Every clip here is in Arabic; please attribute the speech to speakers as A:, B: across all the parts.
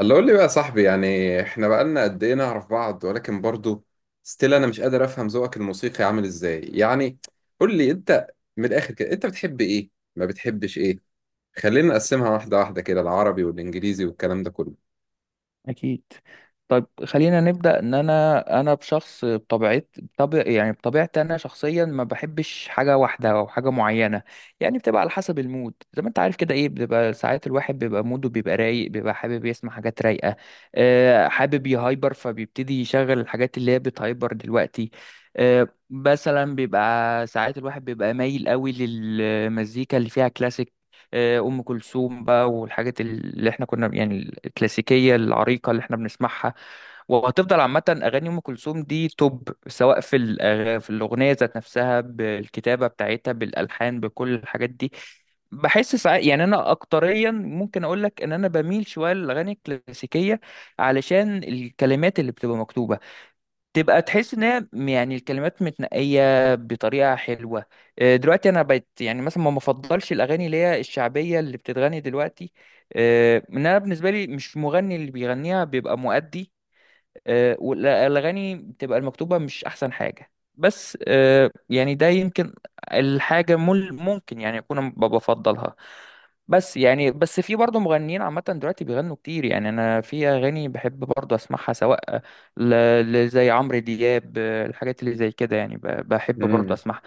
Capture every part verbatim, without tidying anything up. A: الله، قول لي بقى يا صاحبي. يعني احنا بقالنا قد ايه نعرف بعض، ولكن برضو ستيل انا مش قادر افهم ذوقك الموسيقي عامل ازاي. يعني قول لي انت من الاخر كده: انت بتحب ايه، ما بتحبش ايه؟ خلينا نقسمها واحده واحده كده، العربي والانجليزي والكلام ده كله.
B: أكيد. طيب، خلينا نبدأ إن أنا أنا بشخص بطبيعت بطبيع يعني بطبيعتي أنا شخصيا ما بحبش حاجة واحدة أو حاجة معينة. يعني بتبقى على حسب المود، زي ما أنت عارف كده، إيه، بتبقى ساعات الواحد بيبقى موده بيبقى رايق بيبقى حابب يسمع حاجات رايقة. آه، حابب يهايبر فبيبتدي يشغل الحاجات اللي هي بتهايبر دلوقتي. آه، مثلا بيبقى ساعات الواحد بيبقى مايل قوي للمزيكا اللي فيها كلاسيك. آه، ام كلثوم بقى والحاجات اللي احنا كنا يعني الكلاسيكيه العريقه اللي احنا بنسمعها. وهتفضل عامه اغاني ام كلثوم دي توب، سواء في الأغ- في الاغنيه ذات نفسها، بالكتابه بتاعتها، بالالحان، بكل الحاجات دي. بحس ساعات يعني انا اكتريا ممكن اقول لك ان انا بميل شويه للاغاني الكلاسيكيه، علشان الكلمات اللي بتبقى مكتوبه، تبقى تحس ان هي م- يعني الكلمات متنقيه بطريقه حلوه. آه، دلوقتي انا بقيت يعني مثلا ما مفضلش الاغاني اللي هي الشعبيه اللي بتتغني دلوقتي. آه، ان انا بالنسبه لي مش مغني، اللي بيغنيها بيبقى مؤدي. آه، والاغاني بتبقى المكتوبه مش احسن حاجه. بس آه، يعني ده يمكن الحاجه مل- ممكن يعني اكون أنا ب- بفضلها. بس يعني بس في برضه مغنيين عامه دلوقتي بيغنوا كتير، يعني انا في اغاني بحب برضه اسمعها، سواء ل- ل- زي عمرو دياب، آه، الحاجات اللي زي كده، يعني ب- بحب برضه
A: امم
B: اسمعها.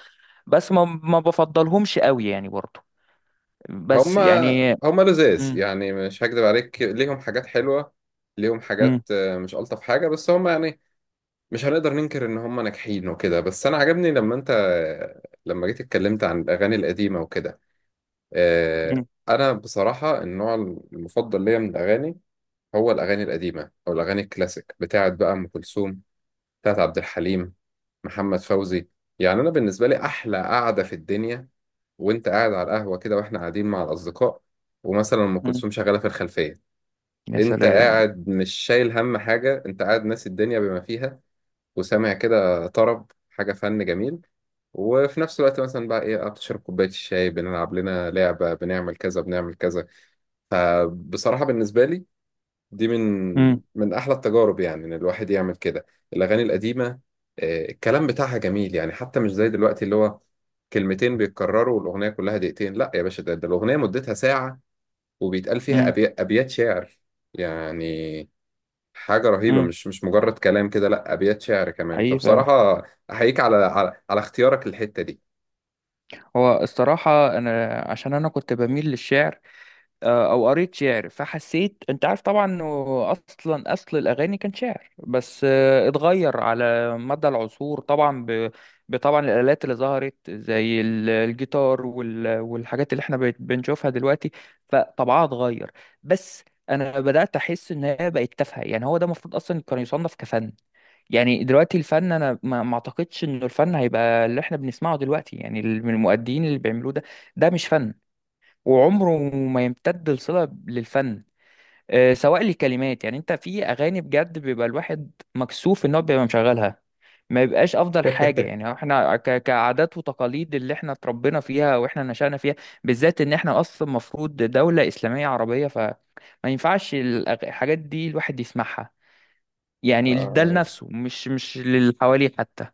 B: بس ما ما بفضلهمش قوي يعني برضه. بس
A: هما
B: يعني.
A: هما لذاذ
B: مم.
A: يعني، مش هكدب عليك. ليهم حاجات حلوه، ليهم
B: مم.
A: حاجات، آه، مش الطف حاجه، بس هما يعني مش هنقدر ننكر ان هما ناجحين وكده. بس انا عجبني لما انت، لما جيت اتكلمت عن الاغاني القديمه وكده. آه،
B: مم.
A: انا بصراحه النوع المفضل ليا من الاغاني هو الاغاني القديمه، او الاغاني الكلاسيك بتاعت بقى ام كلثوم، بتاعت عبد الحليم، محمد فوزي. يعني انا بالنسبه لي احلى قعده في الدنيا وانت قاعد على القهوه كده، واحنا قاعدين مع الاصدقاء، ومثلا ام
B: مم.
A: كلثوم شغاله في الخلفيه.
B: يا
A: انت
B: سلام.
A: قاعد مش شايل هم حاجه، انت قاعد ناسي الدنيا بما فيها، وسامع كده طرب، حاجه فن جميل. وفي نفس الوقت مثلا بقى ايه، بتشرب كوبايه الشاي، بنلعب لنا لعبه، بنعمل كذا بنعمل كذا. فبصراحة بالنسبة لي دي من
B: مم.
A: من أحلى التجارب، يعني إن الواحد يعمل كده. الأغاني القديمة، آه، الكلام بتاعها جميل، يعني حتى مش زي دلوقتي اللي هو كلمتين بيتكرروا والأغنية كلها دقيقتين. لا يا باشا، ده, ده الأغنية مدتها ساعة، وبيتقال فيها
B: مم.
A: أبي... أبيات شعر. يعني حاجة رهيبة،
B: مم.
A: مش مش مجرد كلام كده، لا، أبيات شعر كمان.
B: حقيقي فعلا.
A: فبصراحة أحييك على على, على اختيارك للحتة
B: هو الصراحة أنا عشان أنا كنت بميل للشعر، آه، أو قريت شعر، فحسيت، أنت عارف طبعا، إنه أصلا أصل الأغاني كان شعر، بس آه، اتغير على مدى العصور طبعا ب... بطبعا الآلات اللي ظهرت زي ال- الجيتار وال... والحاجات اللي إحنا بقت بنشوفها دلوقتي، فطبعها اتغير. بس أنا بدأت أحس إن هي بقت تافهة، يعني هو ده المفروض أصلا كان يصنف كفن. يعني دلوقتي الفن، انا ما ما اعتقدش انه الفن هيبقى اللي احنا بنسمعه دلوقتي، يعني ال- من المؤدين اللي بيعملوه ده. ده مش فن، وعمره ما يمتد الصلة للفن. آه، سواء لكلمات، يعني انت في اغاني بجد بيبقى الواحد مكسوف ان هو بيبقى مشغلها. ما يبقاش افضل حاجة،
A: دي.
B: يعني احنا ك- كعادات وتقاليد اللي احنا اتربينا فيها واحنا نشأنا فيها، بالذات ان احنا اصلا مفروض دولة اسلامية عربية، فما ينفعش الأغ- الحاجات دي الواحد يسمعها. يعني ده لنفسه، مش مش للي حواليه حتى.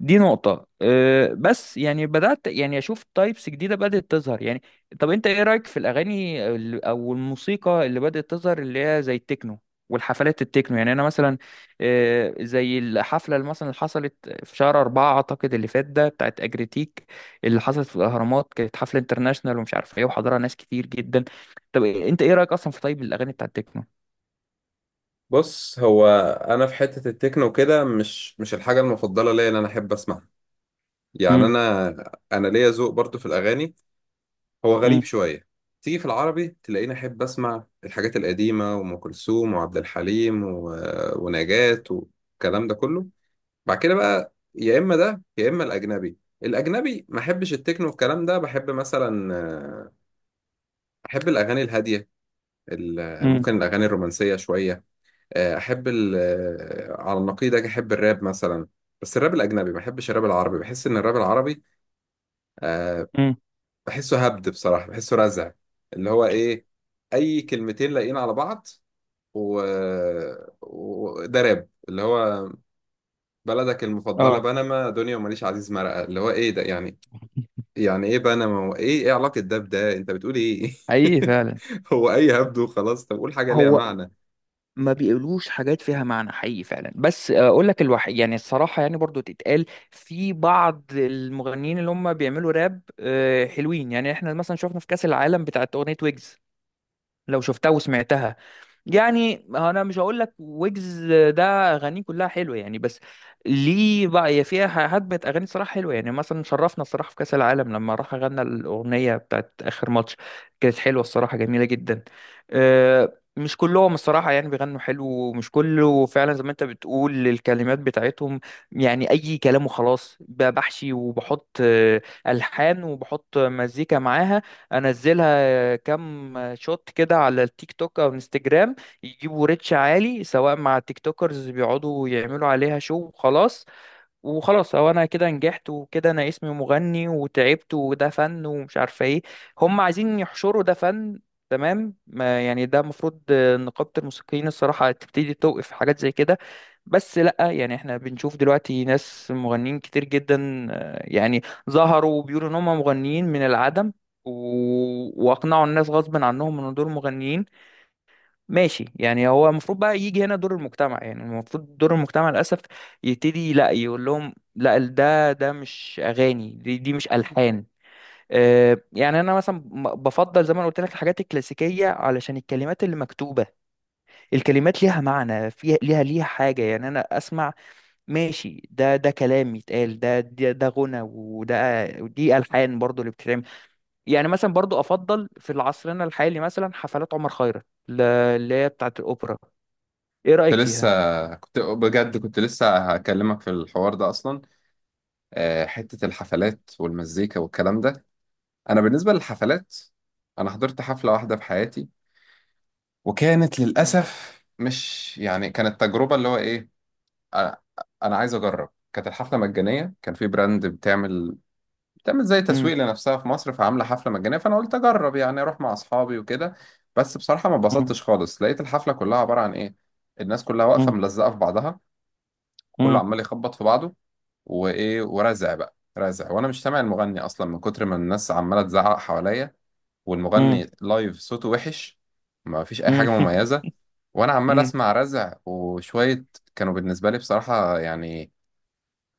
B: دي نقطة. أه بس يعني بدأت يعني أشوف تايبس جديدة بدأت تظهر. يعني طب أنت إيه رأيك في الأغاني ال- أو الموسيقى اللي بدأت تظهر اللي هي زي التكنو والحفلات التكنو؟ يعني أنا مثلا، أه زي الحفلة اللي مثلا حصلت في شهر أربعة أعتقد اللي فات ده، بتاعت أجريتيك، اللي حصلت في الأهرامات، كانت حفلة انترناشونال ومش عارف إيه، وحضرها ناس كتير جدا. طب أنت إيه رأيك أصلا في، طيب، الأغاني بتاعت التكنو؟
A: بص، هو انا في حته التكنو كده مش مش الحاجه المفضله ليا اللي انا احب اسمعها. يعني
B: امم.
A: انا انا ليا ذوق برضو في الاغاني، هو
B: امم.
A: غريب شويه. تيجي في العربي تلاقيني احب اسمع الحاجات القديمه وام كلثوم وعبد الحليم و... ونجاة والكلام ده كله. بعد كده بقى يا اما ده، يا اما الاجنبي. الاجنبي ما احبش التكنو والكلام ده، بحب مثلا، آه، احب الاغاني الهاديه، ال-
B: امم.
A: ممكن الاغاني الرومانسيه شويه. آه، احب ال آه، على النقيض اجي احب الراب مثلا. بس الراب الاجنبي، ما احبش الراب العربي، بحس ان الراب العربي أه
B: امم.
A: بحسه هبد، بصراحه بحسه رزع. اللي هو ايه؟ اي كلمتين لاقيين على بعض، و... وده راب اللي هو: بلدك المفضله
B: اه،
A: بنما، دنيا وماليش عزيز مرقه. اللي هو ايه ده يعني؟ يعني ايه بنما، وايه ايه علاقه ده بده؟ انت بتقول ايه؟
B: حقيقي فعلا.
A: هو اي هبد وخلاص. طب قول حاجه ليها
B: هو
A: معنى.
B: ما بيقولوش حاجات فيها معنى، حقيقي فعلا، بس اقول لك الوحيد يعني، الصراحه يعني برضو تتقال، في بعض المغنيين اللي هم بيعملوا راب آه، حلوين. يعني احنا مثلا شفنا في كاس العالم بتاعت اغنيه ويجز. لو شفتها وسمعتها، يعني انا مش هقول لك ويجز ده اغانيه كلها حلوه يعني، بس ليه بقى هي فيها هدمة اغاني صراحه حلوه. يعني مثلا شرفنا الصراحه في كاس العالم، لما راح غنى الاغنيه بتاعت اخر ماتش، كانت حلوه الصراحه، جميله جدا. آه، مش كلهم الصراحه يعني بيغنوا حلو، ومش كله فعلا زي ما انت بتقول، الكلمات بتاعتهم يعني اي كلام وخلاص، ب- بحشي وبحط آه، الحان وبحط مزيكا معاها، انزلها كام شوت كده على التيك توك او انستجرام، يجيبوا ريتش عالي سواء مع التيك توكرز اللي بيقعدوا يعملوا عليها شو وخلاص، وخلاص، هو انا كده نجحت، وكده انا اسمي مغني، وتعبت، وده فن، ومش عارفه ايه. هم عايزين يحشروا ده فن، تمام؟ ما يعني ده المفروض نقابة الموسيقيين الصراحة تبتدي توقف في حاجات زي كده. بس لأ، يعني احنا بنشوف دلوقتي ناس مغنيين كتير جدا آه، يعني ظهروا وبيقولوا ان هم مغنيين من العدم، و... واقنعوا الناس غصب عنهم ان دول مغنيين. ماشي، يعني هو المفروض بقى يجي هنا دور المجتمع، يعني المفروض دور المجتمع للأسف يبتدي لا، يقول لهم لا ال- ده ده مش أغاني، دي, دي مش ألحان. آه، يعني أنا مثلا ب- بفضل، زي ما أنا قلت لك، الحاجات الكلاسيكية، علشان الكلمات اللي مكتوبة، الكلمات ليها معنى، فيها ليها ليها حاجة. يعني أنا أسمع ماشي، ده ده كلام يتقال، ده ده, ده غنى، وده ودي ألحان برضو اللي بتتعمل. يعني مثلا برضو أفضل في العصر الحالي مثلا حفلات عمر خيرت ل- اللي هي بتاعت الأوبرا. ايه رأيك
A: كنت لسه
B: فيها؟
A: كنت بجد، كنت لسه هكلمك في الحوار ده اصلا، آه، حتة الحفلات والمزيكا والكلام ده. أنا بالنسبة للحفلات، أنا حضرت حفلة واحدة في حياتي، وكانت
B: مم.
A: للأسف مش يعني، كانت تجربة اللي هو إيه. أنا أنا عايز أجرب. كانت الحفلة مجانية، كان في براند بتعمل بتعمل زي
B: مم.
A: تسويق لنفسها في مصر، فعاملة حفلة مجانية، فأنا قلت أجرب يعني أروح مع أصحابي وكده. بس بصراحة ما
B: مم.
A: اتبسطتش خالص، لقيت الحفلة كلها عبارة عن إيه: الناس كلها واقفة ملزقة في بعضها، كله
B: مم.
A: عمال يخبط في بعضه، وايه، ورزع بقى رزع، وانا مش سامع المغني اصلا من كتر ما الناس عماله تزعق حواليا.
B: مم.
A: والمغني لايف صوته وحش، ما فيش اي
B: مم.
A: حاجه مميزه، وانا عمال
B: مم.
A: اسمع رزع وشويه. كانوا بالنسبه لي بصراحه، يعني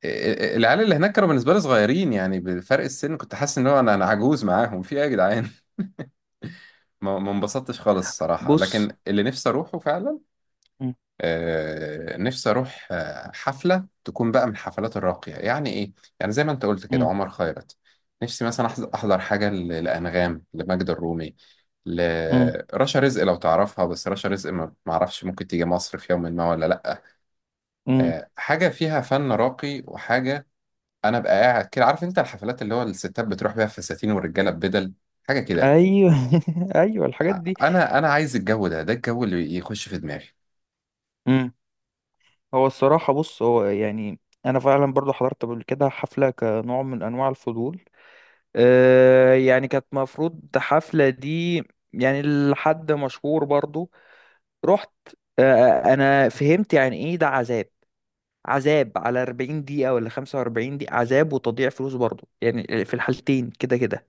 A: ال- ال- العيال اللي هناك كانوا بالنسبه لي صغيرين، يعني بفرق السن كنت حاسس ان هو انا انا عجوز معاهم. في ايه يا جدعان؟ ما ما انبسطتش خالص الصراحه.
B: بص.
A: لكن اللي نفسي اروحه فعلا،
B: مم.
A: آه، نفسي اروح آه، حفله تكون بقى من الحفلات الراقيه، يعني ايه، يعني زي ما انت قلت كده
B: مم.
A: عمر خيرت. نفسي مثلا أحز- احضر حاجه ل- لانغام، لماجدة الرومي،
B: مم.
A: لرشا رزق لو تعرفها، بس رشا رزق ما ما اعرفش ممكن تيجي مصر في يوم ما ولا لا.
B: مم.
A: آه، حاجه فيها فن راقي وحاجه. انا بقى قاعد كده عارف انت الحفلات اللي هو الستات بتروح بيها فساتين، والرجاله ببدل، حاجه كده.
B: ايوه. ايوه، الحاجات دي.
A: ع- انا انا عايز الجو ده، ده الجو اللي يخش في دماغي.
B: مم. هو الصراحه، بص، هو يعني انا فعلا برضو حضرت قبل كده حفله كنوع من انواع الفضول، آه يعني كانت مفروض حفله دي يعني لحد مشهور برضو. رحت، آه انا فهمت يعني ايه ده. عذاب، عذاب على أربعين دقيقة ولا خمسة وأربعين دقيقة، عذاب وتضييع فلوس برضه يعني، في الحالتين كده كده.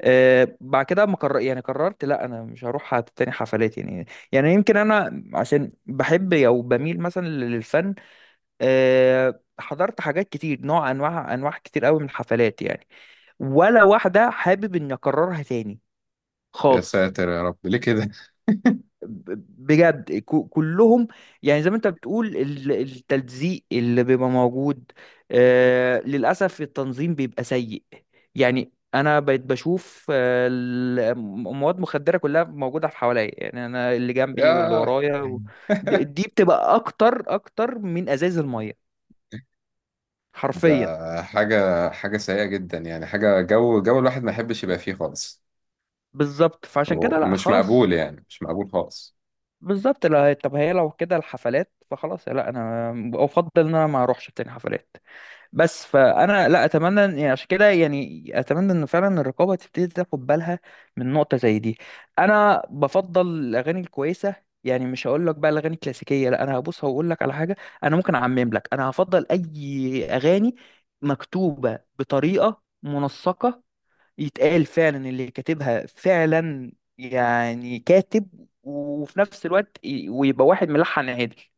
B: أه بعد كده ما قرر يعني قررت لا انا مش هروح هت- تاني حفلات يعني. يعني يمكن انا عشان بحب او بميل مثلا للفن، أه حضرت حاجات كتير، نوع انواع انواع كتير قوي من الحفلات يعني. ولا واحدة حابب اني اكررها تاني
A: يا
B: خالص.
A: ساتر يا رب ليه كده؟
B: بجد كو- كلهم. يعني زي ما انت بتقول، ال- التلزيق اللي بيبقى موجود، آه للأسف التنظيم بيبقى سيء. يعني انا بقيت بشوف آه، ال- مواد مخدرة كلها موجودة في حواليا، يعني انا اللي جنبي واللي
A: يا
B: ورايا و... دي دي بتبقى اكتر اكتر من ازايز المية حرفيا.
A: ده حاجة، حاجة سيئة جدا، يعني حاجة جو، جو الواحد ما يحبش يبقى فيه خالص.
B: بالظبط، فعشان كده لا،
A: ومش
B: خلاص.
A: مقبول، يعني مش مقبول خالص.
B: بالظبط لا، طب هي لو كده الحفلات فخلاص، لا، انا افضل ان انا ما اروحش تاني حفلات بس. فانا لا اتمنى إن- يعني عشان كده يعني اتمنى ان فعلا الرقابه تبتدي تاخد بالها من نقطه زي دي. انا بفضل الاغاني الكويسه، يعني مش هقول لك بقى الاغاني الكلاسيكيه لا، انا هبص هقول لك على حاجه، انا ممكن اعمم لك، انا هفضل اي اغاني مكتوبه بطريقه منسقه، يتقال فعلا اللي كاتبها فعلا يعني كاتب، وفي نفس الوقت ي- ويبقى واحد ملحن عادي.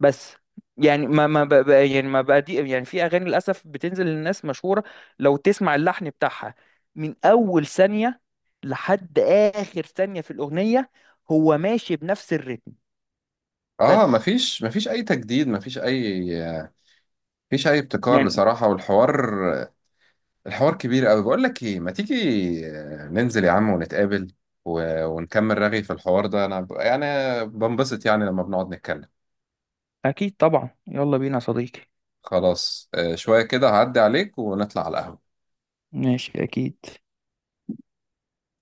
B: بس يعني ما ما بقى بقى- يعني ما بقى دي، يعني في اغاني للاسف بتنزل للناس مشهوره، لو تسمع اللحن بتاعها من اول ثانيه لحد اخر ثانيه في الاغنيه هو ماشي بنفس الريتم.
A: اه،
B: بس
A: مفيش مفيش اي تجديد، مفيش اي مفيش اي ابتكار
B: يعني.
A: بصراحة. والحوار، الحوار كبير قوي. بقول لك ايه، ما تيجي ننزل يا عم ونتقابل و... ونكمل رغي في الحوار ده. انا ب- يعني بنبسط يعني لما بنقعد نتكلم.
B: اكيد طبعا، يلا بينا يا صديقي.
A: خلاص، آه، شوية كده هعدي عليك ونطلع على القهوة.
B: ماشي أكيد.